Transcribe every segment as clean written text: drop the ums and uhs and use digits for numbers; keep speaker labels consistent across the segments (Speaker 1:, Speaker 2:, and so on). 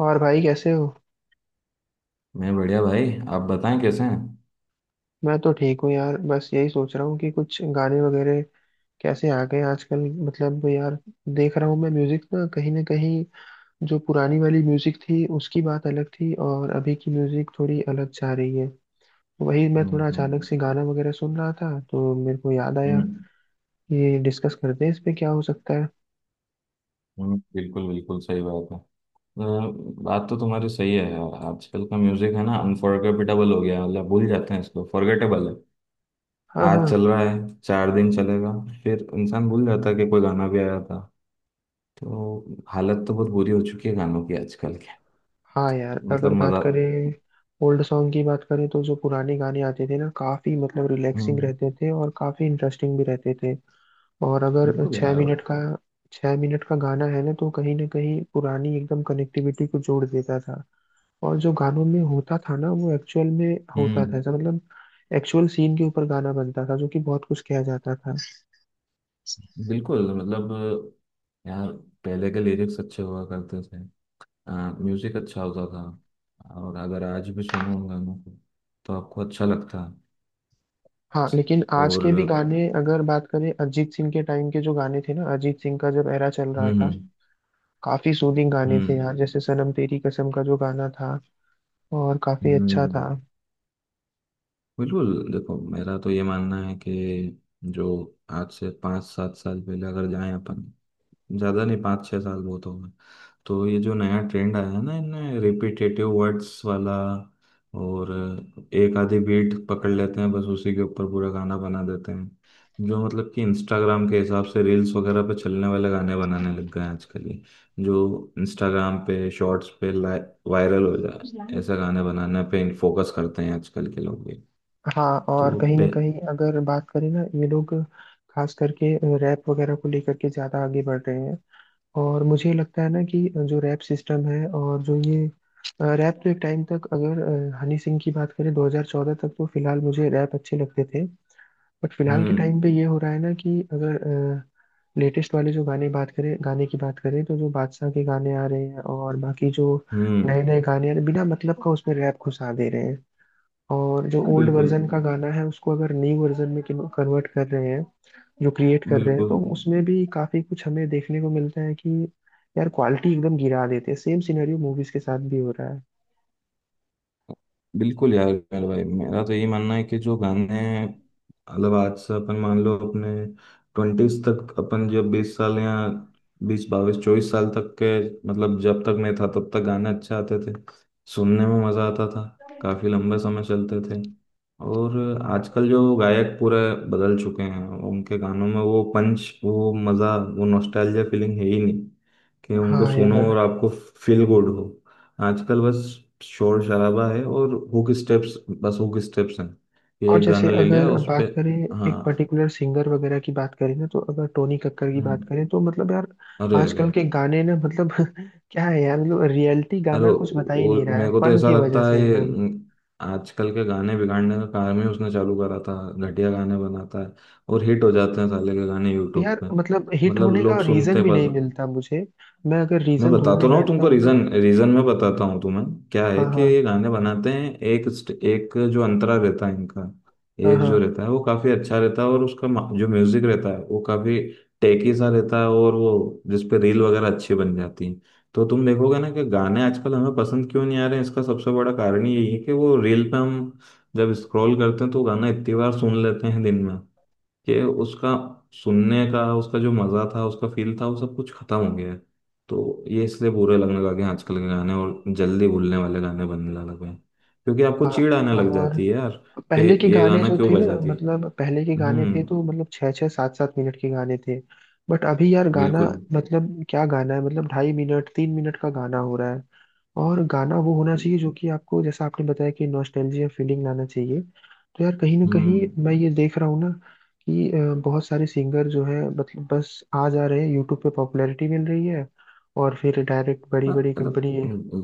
Speaker 1: और भाई कैसे हो।
Speaker 2: मैं बढ़िया भाई। आप बताएं, कैसे हैं?
Speaker 1: मैं तो ठीक हूँ यार, बस यही सोच रहा हूँ कि कुछ गाने वगैरह कैसे आ गए आजकल। मतलब यार, देख रहा हूँ मैं म्यूजिक, ना कहीं जो पुरानी वाली म्यूजिक थी उसकी बात अलग थी और अभी की म्यूजिक थोड़ी अलग जा रही है। वही मैं
Speaker 2: हम्म,
Speaker 1: थोड़ा अचानक
Speaker 2: हम्म,
Speaker 1: से गाना वगैरह सुन रहा था तो मेरे को याद आया,
Speaker 2: हम्म,
Speaker 1: ये डिस्कस करते हैं इस पे क्या हो सकता है।
Speaker 2: बिल्कुल बिल्कुल सही बात है। अ, बात तो तुम्हारी सही है यार। आजकल का म्यूजिक है ना, अनफॉरगेटेबल हो गया है, मतलब भूल जाते हैं इसको, फॉरगेटेबल है।
Speaker 1: हाँ हाँ।
Speaker 2: आज चल रहा है, 4 दिन चलेगा, फिर इंसान भूल जाता है कि कोई गाना भी आया था। तो हालत तो बहुत बुरी हो चुकी है गानों की आजकल के।
Speaker 1: हाँ यार,
Speaker 2: मतलब
Speaker 1: अगर बात
Speaker 2: मजा।
Speaker 1: करें ओल्ड सॉन्ग की बात करें तो जो पुराने गाने आते थे ना काफी मतलब रिलैक्सिंग
Speaker 2: हम्म,
Speaker 1: रहते थे और काफी इंटरेस्टिंग भी रहते थे। और अगर
Speaker 2: बिल्कुल
Speaker 1: छः
Speaker 2: यार।
Speaker 1: मिनट का छः मिनट का गाना है ना तो कहीं ना कहीं पुरानी एकदम कनेक्टिविटी को जोड़ देता था। और जो गानों में होता था ना वो एक्चुअल में होता था,
Speaker 2: हम्म,
Speaker 1: ऐसा मतलब एक्चुअल सीन के ऊपर गाना बनता था, जो कि बहुत कुछ किया जाता था।
Speaker 2: बिल्कुल, मतलब यार, पहले के लिरिक्स अच्छे हुआ करते थे। म्यूजिक अच्छा होता था, और अगर आज भी सुनो उन गानों को तो आपको अच्छा लगता है।
Speaker 1: हाँ, लेकिन आज
Speaker 2: और।
Speaker 1: के भी
Speaker 2: हम्म,
Speaker 1: गाने अगर बात करें, अरिजीत सिंह के टाइम के जो गाने थे ना, अरिजीत सिंह का जब एरा चल रहा था,
Speaker 2: हम्म,
Speaker 1: काफी सूदिंग गाने थे
Speaker 2: हम्म,
Speaker 1: यार। जैसे सनम तेरी कसम का जो गाना था और काफी अच्छा
Speaker 2: हम्म,
Speaker 1: था।
Speaker 2: बिल्कुल देखो, मेरा तो ये मानना है कि जो आज से 5-7 साल पहले अगर जाएं अपन, ज़्यादा नहीं, 5-6 साल बहुत हो गए। तो ये जो नया ट्रेंड आया है ना, इनमें रिपीटेटिव वर्ड्स वाला, और एक आधी बीट पकड़ लेते हैं, बस उसी के ऊपर पूरा गाना बना देते हैं। जो मतलब कि इंस्टाग्राम के हिसाब से रील्स वगैरह पे चलने वाले गाने बनाने लग गए हैं आजकल ये। जो इंस्टाग्राम पे शॉर्ट्स पे वायरल हो जाए, ऐसा गाने बनाने पे फोकस करते हैं आजकल के लोग भी।
Speaker 1: हाँ,
Speaker 2: तो
Speaker 1: और कहीं ना
Speaker 2: पे।
Speaker 1: कहीं अगर बात करें ना ये लोग खास करके रैप वगैरह को लेकर के ज़्यादा आगे बढ़ रहे हैं। और मुझे लगता है ना कि जो रैप सिस्टम है और जो ये रैप तो एक टाइम तक, अगर हनी सिंह की बात करें, 2014 तक तो फिलहाल मुझे रैप अच्छे लगते थे। बट फिलहाल के
Speaker 2: हम्म,
Speaker 1: टाइम पे ये हो रहा है ना कि अगर लेटेस्ट वाले जो गाने की बात करें तो जो बादशाह के गाने आ रहे हैं और बाकी जो
Speaker 2: हम्म।
Speaker 1: नए नए गाने आ रहे हैं, बिना मतलब का उसमें रैप घुसा दे रहे हैं। और जो
Speaker 2: अरे
Speaker 1: ओल्ड
Speaker 2: बिल्कुल,
Speaker 1: वर्जन का गाना है उसको अगर न्यू वर्जन में कन्वर्ट कर रहे हैं, जो क्रिएट कर रहे हैं तो
Speaker 2: बिल्कुल
Speaker 1: उसमें भी काफी कुछ हमें देखने को मिलता है कि यार क्वालिटी एकदम गिरा देते हैं। सेम सिनेरियो मूवीज के साथ भी हो रहा है।
Speaker 2: बिल्कुल यार, यार भाई, मेरा तो यही मानना है कि जो गाने, मतलब आज से अपन मान लो, अपने ट्वेंटीज तक, अपन जब 20 साल या 20, 22, 24 साल तक के, मतलब जब तक मैं था तब तक गाने अच्छे आते थे। सुनने में मजा आता था, काफी लंबे समय चलते थे। और आजकल जो गायक पूरे बदल चुके हैं, उनके गानों में वो पंच, वो मजा, वो नॉस्टैल्जिया फीलिंग है ही नहीं कि उनको
Speaker 1: हाँ
Speaker 2: सुनो
Speaker 1: यार।
Speaker 2: और आपको फील गुड हो। आजकल बस शोर शराबा है और हुक स्टेप्स, बस हुक स्टेप्स हैं। ये
Speaker 1: और
Speaker 2: एक
Speaker 1: जैसे
Speaker 2: गाना ले लिया
Speaker 1: अगर
Speaker 2: उस पे।
Speaker 1: बात करें एक
Speaker 2: हाँ।
Speaker 1: पर्टिकुलर सिंगर वगैरह की बात करें ना, तो अगर टोनी कक्कर की बात
Speaker 2: हम्म,
Speaker 1: करें तो मतलब यार
Speaker 2: अरे अरे।
Speaker 1: आजकल के गाने ना मतलब क्या है यार। मतलब रियलिटी
Speaker 2: अरे
Speaker 1: गाना कुछ बता ही नहीं रहा है,
Speaker 2: मेरे को तो
Speaker 1: फन
Speaker 2: ऐसा
Speaker 1: की वजह
Speaker 2: लगता है
Speaker 1: से
Speaker 2: ये।
Speaker 1: एकदम।
Speaker 2: आजकल के गाने बिगाड़ने का काम ही उसने चालू करा था। घटिया गाने बनाता है और हिट हो जाते हैं साले के गाने यूट्यूब
Speaker 1: यार
Speaker 2: पे।
Speaker 1: मतलब हिट
Speaker 2: मतलब
Speaker 1: होने का
Speaker 2: लोग
Speaker 1: रीजन
Speaker 2: सुनते
Speaker 1: भी
Speaker 2: बस।
Speaker 1: नहीं मिलता मुझे। मैं अगर
Speaker 2: मैं
Speaker 1: रीजन
Speaker 2: बताता
Speaker 1: ढूंढने
Speaker 2: रहा हूँ
Speaker 1: बैठता
Speaker 2: तुमको,
Speaker 1: हूँ ना।
Speaker 2: रीजन रीजन मैं बताता हूँ तुम्हें। क्या
Speaker 1: हाँ
Speaker 2: है कि
Speaker 1: हाँ
Speaker 2: ये गाने बनाते हैं, एक एक जो अंतरा रहता है इनका,
Speaker 1: हाँ
Speaker 2: एक जो
Speaker 1: हाँ
Speaker 2: रहता है वो काफी अच्छा रहता है, और उसका जो म्यूजिक रहता है वो काफी टेकी सा रहता है, और वो जिसपे रील वगैरह अच्छी बन जाती है। तो तुम देखोगे ना कि गाने आजकल हमें पसंद क्यों नहीं आ रहे हैं, इसका सबसे बड़ा कारण ही यही है कि वो रील पे हम जब स्क्रॉल करते हैं तो गाना इतनी बार सुन लेते हैं दिन में कि उसका सुनने का, उसका जो मज़ा था, उसका फील था, वो सब कुछ ख़त्म हो गया है। तो ये इसलिए बुरे लगने लगे हैं आजकल के गाने, और जल्दी भूलने वाले गाने बनने लगे हैं क्योंकि आपको
Speaker 1: हाँ।
Speaker 2: चिढ़ आने लग
Speaker 1: और
Speaker 2: जाती है यार कि
Speaker 1: पहले के
Speaker 2: ये
Speaker 1: गाने
Speaker 2: गाना
Speaker 1: जो
Speaker 2: क्यों
Speaker 1: थे
Speaker 2: बजा
Speaker 1: ना,
Speaker 2: दिए।
Speaker 1: मतलब पहले के गाने
Speaker 2: हम्म,
Speaker 1: थे तो मतलब छः छः सात सात मिनट के गाने थे। बट अभी यार गाना,
Speaker 2: बिल्कुल।
Speaker 1: मतलब क्या गाना है, मतलब 2.5 मिनट 3 मिनट का गाना हो रहा है। और गाना वो होना चाहिए जो कि आपको, जैसा आपने बताया, कि नॉस्टैल्जिया फीलिंग लाना चाहिए। तो यार कहीं ना कहीं
Speaker 2: हम्म।
Speaker 1: मैं ये देख रहा हूँ ना कि बहुत सारे सिंगर जो है मतलब बस आ जा रहे हैं यूट्यूब पे पॉपुलैरिटी मिल रही है और फिर डायरेक्ट बड़ी
Speaker 2: हाँ,
Speaker 1: बड़ी
Speaker 2: मतलब
Speaker 1: कंपनी।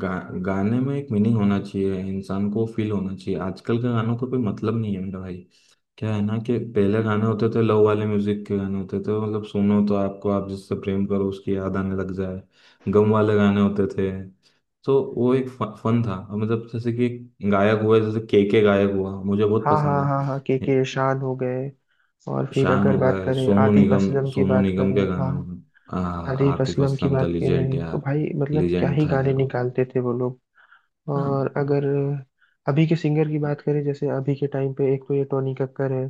Speaker 2: गा, गाने में एक मीनिंग होना चाहिए, इंसान को फील होना चाहिए। आजकल के गानों का कोई मतलब नहीं है मेरा भाई। क्या है ना कि पहले गाने होते थे, लव वाले म्यूजिक के गाने होते थे, मतलब सुनो तो आपको, आप जिससे प्रेम करो उसकी याद आने लग जाए। गम वाले गाने होते थे, तो वो एक फन था। अब मतलब जैसे कि गायक हुआ, जैसे के गायक हुआ मुझे बहुत
Speaker 1: हाँ
Speaker 2: पसंद
Speaker 1: हाँ हाँ हाँ, के
Speaker 2: है।
Speaker 1: के शान हो गए। और फिर
Speaker 2: शान
Speaker 1: अगर
Speaker 2: हो
Speaker 1: बात
Speaker 2: गए,
Speaker 1: करें
Speaker 2: सोनू
Speaker 1: आतिफ
Speaker 2: निगम,
Speaker 1: असलम की
Speaker 2: सोनू
Speaker 1: बात
Speaker 2: निगम
Speaker 1: करें,
Speaker 2: के
Speaker 1: हाँ,
Speaker 2: गाने हो गए।
Speaker 1: आतिफ
Speaker 2: आतिफ
Speaker 1: असलम की
Speaker 2: असलम था
Speaker 1: बात
Speaker 2: लिजेंड
Speaker 1: करें तो
Speaker 2: यार।
Speaker 1: भाई मतलब क्या
Speaker 2: लिजेंड
Speaker 1: ही
Speaker 2: था
Speaker 1: गाने
Speaker 2: यार वो।
Speaker 1: निकालते थे वो लोग। और
Speaker 2: हाँ,
Speaker 1: अगर अभी के सिंगर की बात करें, जैसे अभी के टाइम पे एक तो ये टोनी कक्कर है,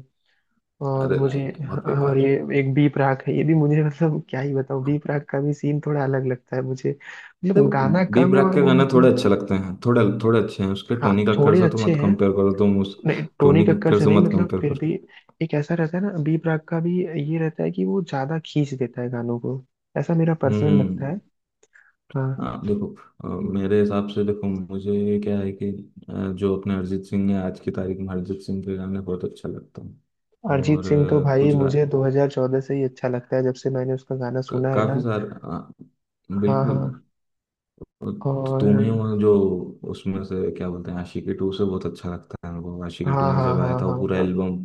Speaker 1: और
Speaker 2: अरे
Speaker 1: मुझे।
Speaker 2: नहीं नहीं, बहुत
Speaker 1: हाँ, और
Speaker 2: बेकार।
Speaker 1: ये एक बी प्राक है, ये भी मुझे मतलब क्या ही बताऊं। बी प्राक का भी सीन थोड़ा अलग लगता है मुझे, मतलब
Speaker 2: देखो,
Speaker 1: गाना
Speaker 2: बी
Speaker 1: कम
Speaker 2: ब्रैक
Speaker 1: और
Speaker 2: के
Speaker 1: वो
Speaker 2: गाना थोड़े
Speaker 1: मतलब।
Speaker 2: अच्छे लगते हैं, थोड़े थोड़े अच्छे हैं उसके,
Speaker 1: हाँ
Speaker 2: टोनी कक्कर
Speaker 1: थोड़े
Speaker 2: से तो
Speaker 1: अच्छे
Speaker 2: मत
Speaker 1: हैं,
Speaker 2: कंपेयर करो तुम उस,
Speaker 1: नहीं टोनी
Speaker 2: टोनी
Speaker 1: कक्कर
Speaker 2: कक्कर
Speaker 1: से
Speaker 2: से
Speaker 1: नहीं,
Speaker 2: मत
Speaker 1: मतलब
Speaker 2: कंपेयर
Speaker 1: फिर
Speaker 2: करो।
Speaker 1: भी एक ऐसा रहता है ना बी प्राक का भी। ये रहता है कि वो ज्यादा खींच देता है गानों को, ऐसा मेरा पर्सनल
Speaker 2: हम्म।
Speaker 1: लगता है। हाँ।
Speaker 2: हाँ देखो। अ, मेरे हिसाब से देखो, मुझे क्या है कि जो अपने अरिजीत सिंह है, आज की तारीख में अरिजीत सिंह के गाने बहुत अच्छा लगता है।
Speaker 1: अरिजीत
Speaker 2: और
Speaker 1: सिंह तो भाई
Speaker 2: कुछ गा,
Speaker 1: मुझे 2014 से ही अच्छा लगता है, जब से मैंने उसका गाना सुना है
Speaker 2: काफी
Speaker 1: ना।
Speaker 2: सारे,
Speaker 1: हाँ
Speaker 2: बिल्कुल।
Speaker 1: हाँ
Speaker 2: तो तुम ही
Speaker 1: और
Speaker 2: हो जो उसमें से, क्या बोलते हैं, आशिकी टू से बहुत अच्छा लगता है मेरे को। आशिकी
Speaker 1: हाँ
Speaker 2: टू में
Speaker 1: हाँ
Speaker 2: जब
Speaker 1: हाँ
Speaker 2: आया था वो
Speaker 1: हाँ
Speaker 2: पूरा
Speaker 1: हाँ
Speaker 2: एल्बम,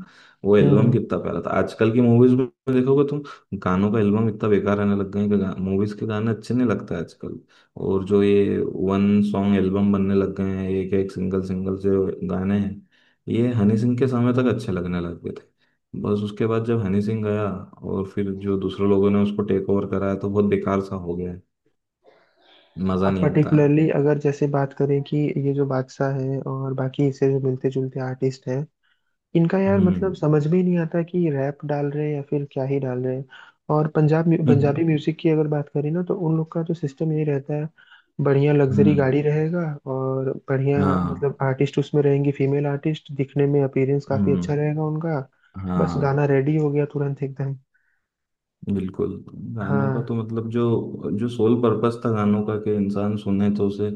Speaker 2: वो
Speaker 1: हम्म
Speaker 2: एल्बम
Speaker 1: हम्म।
Speaker 2: कितना प्यारा था। आजकल की मूवीज में देखोगे तुम, गानों का एल्बम इतना बेकार आने लग गए हैं कि मूवीज के गाने अच्छे नहीं लगते आजकल। और जो ये वन सॉन्ग एल्बम बनने लग गए हैं, एक एक सिंगल सिंगल जो गाने हैं, ये हनी सिंह के समय तक अच्छे लगने लग गए थे, बस उसके बाद जब हनी सिंह गया और फिर जो दूसरे लोगों ने उसको टेक ओवर कराया, तो बहुत बेकार सा हो गया है। मजा
Speaker 1: अब
Speaker 2: नहीं आता।
Speaker 1: पर्टिकुलरली अगर जैसे बात करें कि ये जो बादशाह है और बाकी इससे जो मिलते जुलते आर्टिस्ट हैं, इनका यार
Speaker 2: हम्म,
Speaker 1: मतलब समझ में ही नहीं आता कि रैप डाल रहे हैं या फिर क्या ही डाल रहे हैं। और पंजाबी
Speaker 2: हम्म,
Speaker 1: म्यूजिक की अगर बात करें ना तो उन लोग का तो सिस्टम यही रहता है, बढ़िया लग्जरी
Speaker 2: हम्म,
Speaker 1: गाड़ी रहेगा और बढ़िया,
Speaker 2: हाँ,
Speaker 1: मतलब आर्टिस्ट उसमें रहेंगी, फीमेल आर्टिस्ट दिखने में अपीयरेंस काफी
Speaker 2: हम्म,
Speaker 1: अच्छा रहेगा उनका, बस
Speaker 2: हाँ,
Speaker 1: गाना रेडी हो गया तुरंत एकदम।
Speaker 2: बिल्कुल। गानों का तो
Speaker 1: हाँ,
Speaker 2: मतलब, जो जो सोल पर्पस था गानों का, कि इंसान सुने तो उसे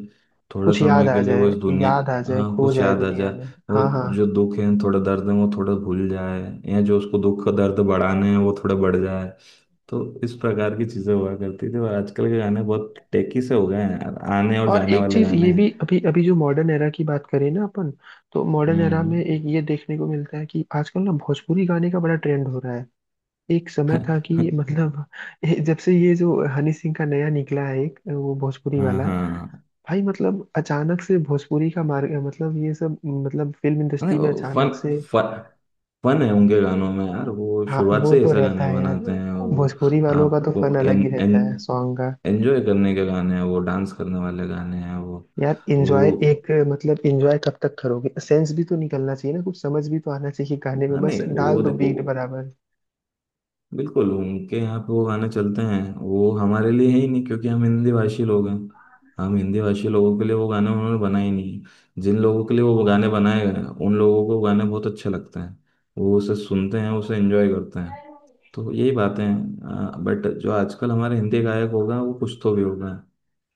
Speaker 2: थोड़ा
Speaker 1: कुछ याद
Speaker 2: समय
Speaker 1: आ
Speaker 2: के लिए वो
Speaker 1: जाए,
Speaker 2: इस दुनिया,
Speaker 1: याद आ जाए
Speaker 2: हाँ
Speaker 1: खो
Speaker 2: कुछ
Speaker 1: जाए
Speaker 2: याद आ
Speaker 1: दुनिया
Speaker 2: जाए।
Speaker 1: में।
Speaker 2: और
Speaker 1: हाँ हाँ।
Speaker 2: जो दुख है, थोड़ा दर्द है वो थोड़ा भूल जाए, या जो उसको दुख का दर्द बढ़ाने हैं वो थोड़ा बढ़ जाए। तो इस प्रकार की चीजें हुआ करती थी, और आजकल के गाने बहुत टेकी से हो गए हैं यार, आने और
Speaker 1: और
Speaker 2: जाने
Speaker 1: एक
Speaker 2: वाले
Speaker 1: चीज
Speaker 2: गाने
Speaker 1: ये भी,
Speaker 2: हैं।
Speaker 1: अभी अभी जो मॉडर्न एरा की बात करें ना अपन, तो मॉडर्न एरा में
Speaker 2: हम्म।
Speaker 1: एक ये देखने को मिलता है कि आजकल ना भोजपुरी गाने का बड़ा ट्रेंड हो रहा है। एक समय था कि मतलब जब से ये जो हनी सिंह का नया निकला है एक वो भोजपुरी
Speaker 2: हाँ
Speaker 1: वाला,
Speaker 2: हाँ।
Speaker 1: भाई मतलब अचानक से भोजपुरी का मार्ग, मतलब ये सब मतलब फिल्म
Speaker 2: नहीं
Speaker 1: इंडस्ट्री में
Speaker 2: वो फन
Speaker 1: अचानक से।
Speaker 2: फन फन है उनके गानों में यार, वो
Speaker 1: हाँ
Speaker 2: शुरुआत
Speaker 1: वो
Speaker 2: से ही
Speaker 1: तो
Speaker 2: ऐसा
Speaker 1: रहता
Speaker 2: गाने
Speaker 1: है यार,
Speaker 2: बनाते हैं वो।
Speaker 1: भोजपुरी वालों का तो फन
Speaker 2: आपको
Speaker 1: अलग ही
Speaker 2: एन,
Speaker 1: रहता है
Speaker 2: एन,
Speaker 1: सॉन्ग।
Speaker 2: एंजॉय करने के गाने हैं वो, डांस करने वाले गाने हैं वो।
Speaker 1: यार एंजॉय,
Speaker 2: वो,
Speaker 1: एक मतलब एंजॉय कब तक करोगे, सेंस भी तो निकलना चाहिए ना, कुछ समझ भी तो आना चाहिए गाने में,
Speaker 2: हाँ
Speaker 1: बस
Speaker 2: नहीं
Speaker 1: डाल
Speaker 2: वो
Speaker 1: दो
Speaker 2: देखो,
Speaker 1: बीट बराबर।
Speaker 2: बिल्कुल उनके यहाँ पे वो गाने चलते हैं, वो हमारे लिए है ही नहीं क्योंकि हम हिंदी भाषी लोग हैं। हम हिंदी भाषी लोगों के लिए वो गाने उन्होंने बनाए ही नहीं, जिन लोगों के लिए वो गाने बनाए गए हैं उन लोगों को वो गाने बहुत अच्छे लगते हैं, वो उसे सुनते हैं उसे एंजॉय करते हैं। तो यही बातें हैं। बट जो आजकल हमारे हिंदी गायक होगा वो कुछ तो भी होगा।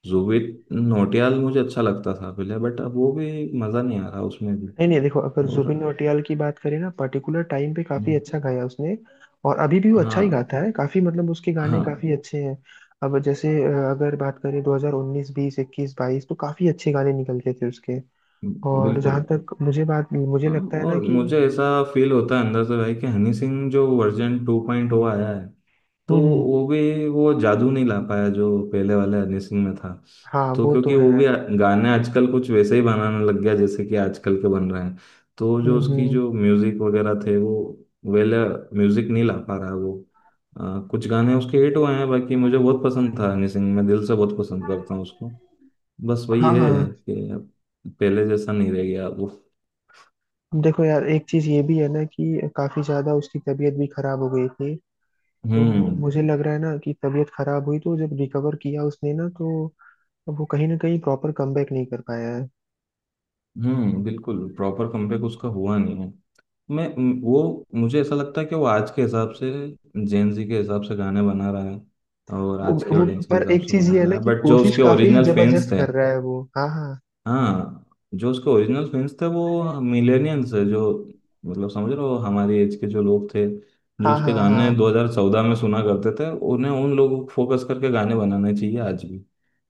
Speaker 2: जुबिन नौटियाल मुझे अच्छा लगता था पहले, बट अब वो भी मज़ा नहीं आ रहा उसमें भी।
Speaker 1: नहीं नहीं, देखो अगर जुबिन
Speaker 2: और।
Speaker 1: नौटियाल की बात करें ना, पर्टिकुलर टाइम पे काफी
Speaker 2: हम्म,
Speaker 1: अच्छा गाया उसने। और अभी भी वो अच्छा
Speaker 2: हाँ,
Speaker 1: ही गाता है, काफी मतलब उसके गाने
Speaker 2: हाँ,
Speaker 1: काफी अच्छे हैं। अब जैसे अगर बात करें 2019 20 21 22 तो काफी अच्छे गाने निकलते थे उसके। और
Speaker 2: बिल्कुल।
Speaker 1: जहां तक मुझे बात, मुझे लगता है ना
Speaker 2: और
Speaker 1: कि
Speaker 2: मुझे ऐसा फील होता है अंदर से भाई कि हनी सिंह जो वर्जन 2.0 आया है, तो
Speaker 1: हम्म,
Speaker 2: वो भी वो जादू नहीं ला पाया जो पहले वाले हनी सिंह में था।
Speaker 1: हाँ
Speaker 2: तो
Speaker 1: वो तो
Speaker 2: क्योंकि
Speaker 1: है।
Speaker 2: वो भी गाने आजकल कुछ वैसे ही बनाने लग गया जैसे कि आजकल के बन रहे हैं। तो जो उसकी
Speaker 1: हम्म।
Speaker 2: जो म्यूजिक वगैरह थे, वो वेल म्यूजिक नहीं ला पा रहा है वो। कुछ गाने उसके हिट हुए हैं, बाकी मुझे बहुत पसंद था हनी सिंह, मैं दिल से बहुत पसंद करता हूँ उसको, बस वही
Speaker 1: हाँ
Speaker 2: है
Speaker 1: हाँ,
Speaker 2: कि अब पहले जैसा नहीं रह गया अब वो।
Speaker 1: देखो यार एक चीज ये भी है ना कि काफी ज्यादा उसकी तबीयत भी खराब हो गई थी। तो
Speaker 2: हम्म,
Speaker 1: मुझे लग रहा है ना कि तबीयत खराब हुई तो जब रिकवर किया उसने ना, तो वो कहीं ना कहीं प्रॉपर कमबैक नहीं कर पाया है।
Speaker 2: हम्म, बिल्कुल प्रॉपर कमबैक उसका हुआ नहीं है। वो मुझे ऐसा लगता है कि वो आज के हिसाब से, जेन जी के हिसाब से गाने बना रहा है, और
Speaker 1: वो,
Speaker 2: आज की
Speaker 1: वो
Speaker 2: ऑडियंस के
Speaker 1: पर
Speaker 2: हिसाब
Speaker 1: एक
Speaker 2: से
Speaker 1: चीज ये
Speaker 2: बना
Speaker 1: है
Speaker 2: रहा
Speaker 1: ना
Speaker 2: है।
Speaker 1: कि
Speaker 2: बट जो
Speaker 1: कोशिश
Speaker 2: उसके
Speaker 1: काफी
Speaker 2: ओरिजिनल फैंस
Speaker 1: जबरदस्त
Speaker 2: थे,
Speaker 1: कर रहा है वो। हाँ हाँ
Speaker 2: हाँ, जो उसके ओरिजिनल फैंस थे वो मिलेनियंस है। जो, मतलब समझ रहे हो, हमारी एज के जो लोग थे, जो
Speaker 1: हाँ
Speaker 2: उसके
Speaker 1: हाँ
Speaker 2: गाने
Speaker 1: हाँ।
Speaker 2: 2014 में सुना करते थे, उन्हें उन लोगों को फोकस करके गाने बनाने चाहिए आज भी।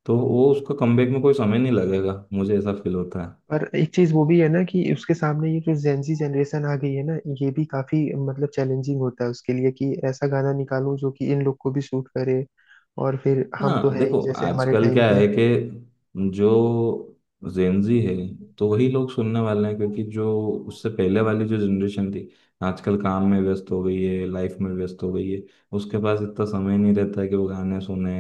Speaker 2: तो वो उसका कमबैक में कोई समय नहीं लगेगा, मुझे ऐसा फील होता।
Speaker 1: पर एक चीज वो भी है ना कि उसके सामने ये जो जेंजी जनरेशन आ गई है ना, ये भी काफी मतलब चैलेंजिंग होता है उसके लिए कि ऐसा गाना निकालूं जो कि इन लोग को भी सूट करे। और फिर हम तो
Speaker 2: हाँ
Speaker 1: है ही
Speaker 2: देखो,
Speaker 1: जैसे हमारे
Speaker 2: आजकल
Speaker 1: टाइम
Speaker 2: क्या
Speaker 1: पे।
Speaker 2: है कि जो जेनजी है, तो वही लोग सुनने वाले हैं क्योंकि जो उससे पहले वाली जो जनरेशन थी, आजकल काम में व्यस्त हो गई है, लाइफ में व्यस्त हो गई है, उसके पास इतना समय नहीं रहता है कि वो गाने सुने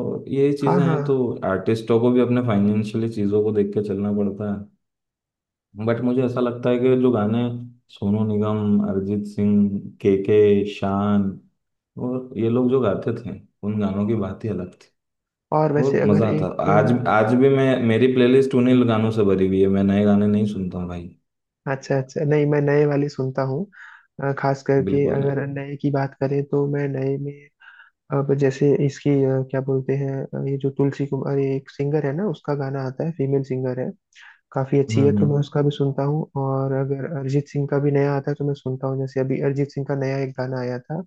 Speaker 2: और यही
Speaker 1: हाँ
Speaker 2: चीज़ें
Speaker 1: हाँ।
Speaker 2: हैं। तो आर्टिस्टों को भी अपने फाइनेंशियली चीज़ों को देख के चलना पड़ता है। बट मुझे ऐसा लगता है कि जो गाने सोनू निगम, अरिजीत सिंह, के, शान, और ये लोग जो गाते थे, उन गानों की बात ही अलग,
Speaker 1: और
Speaker 2: और
Speaker 1: वैसे अगर
Speaker 2: मजा आता।
Speaker 1: एक,
Speaker 2: आज, आज भी मैं, मेरी प्लेलिस्ट उन्हीं गानों से भरी हुई है, मैं नए गाने नहीं सुनता हूँ भाई।
Speaker 1: अच्छा अच्छा, नहीं मैं नए वाले सुनता हूँ। खास करके
Speaker 2: बिल्कुल नहीं।
Speaker 1: अगर नए की बात करें तो मैं नए में, अब जैसे इसकी क्या बोलते हैं, ये जो तुलसी कुमार, ये एक सिंगर है ना, उसका गाना आता है, फीमेल सिंगर है, काफी अच्छी
Speaker 2: हम्म,
Speaker 1: है, तो मैं
Speaker 2: हम्म।
Speaker 1: उसका भी सुनता हूँ। और अगर अरिजीत सिंह का भी नया आता है तो मैं सुनता हूँ। जैसे अभी अरिजीत सिंह का नया एक गाना आया था,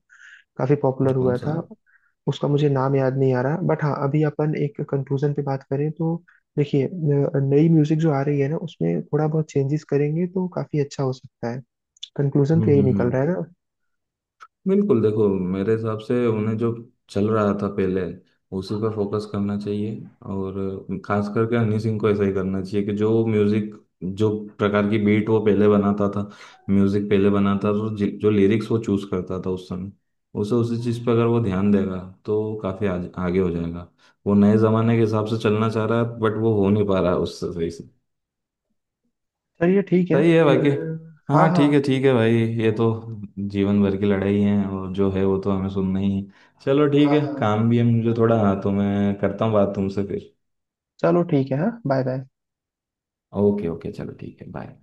Speaker 1: काफी पॉपुलर
Speaker 2: कौन
Speaker 1: हुआ
Speaker 2: सा?
Speaker 1: था
Speaker 2: हम्म,
Speaker 1: उसका, मुझे नाम याद नहीं आ रहा। बट हाँ, अभी अपन एक कंक्लूजन पे बात करें तो देखिए, नई म्यूजिक जो आ रही है ना उसमें थोड़ा बहुत चेंजेस करेंगे तो काफी अच्छा हो सकता है। कंक्लूजन तो
Speaker 2: हम्म,
Speaker 1: यही
Speaker 2: हम्म,
Speaker 1: निकल रहा है ना।
Speaker 2: बिल्कुल देखो, मेरे हिसाब से उन्हें, जो चल रहा था पहले उसी पर फोकस करना चाहिए। और खास करके हनी सिंह को ऐसा ही करना चाहिए कि जो म्यूजिक, जो प्रकार की बीट वो पहले बनाता था, म्यूजिक पहले बनाता था, तो जो लिरिक्स वो चूज करता था उस समय, उसे उसी चीज पर अगर वो ध्यान देगा तो काफी आगे हो जाएगा। वो नए जमाने के हिसाब से चलना चाह रहा है, बट वो हो नहीं पा रहा है उससे सही से।
Speaker 1: चलिए ठीक है
Speaker 2: सही है
Speaker 1: फिर।
Speaker 2: बाकी।
Speaker 1: हाँ
Speaker 2: हाँ
Speaker 1: हाँ
Speaker 2: ठीक है, ठीक है भाई। ये तो जीवन भर की लड़ाई है, और जो है वो तो हमें सुनना ही है। चलो ठीक
Speaker 1: हाँ
Speaker 2: है,
Speaker 1: हाँ।
Speaker 2: काम भी है मुझे थोड़ा, तो मैं करता हूँ बात तुमसे फिर।
Speaker 1: चलो ठीक है हाँ, बाय बाय।
Speaker 2: ओके ओके, चलो ठीक है, बाय।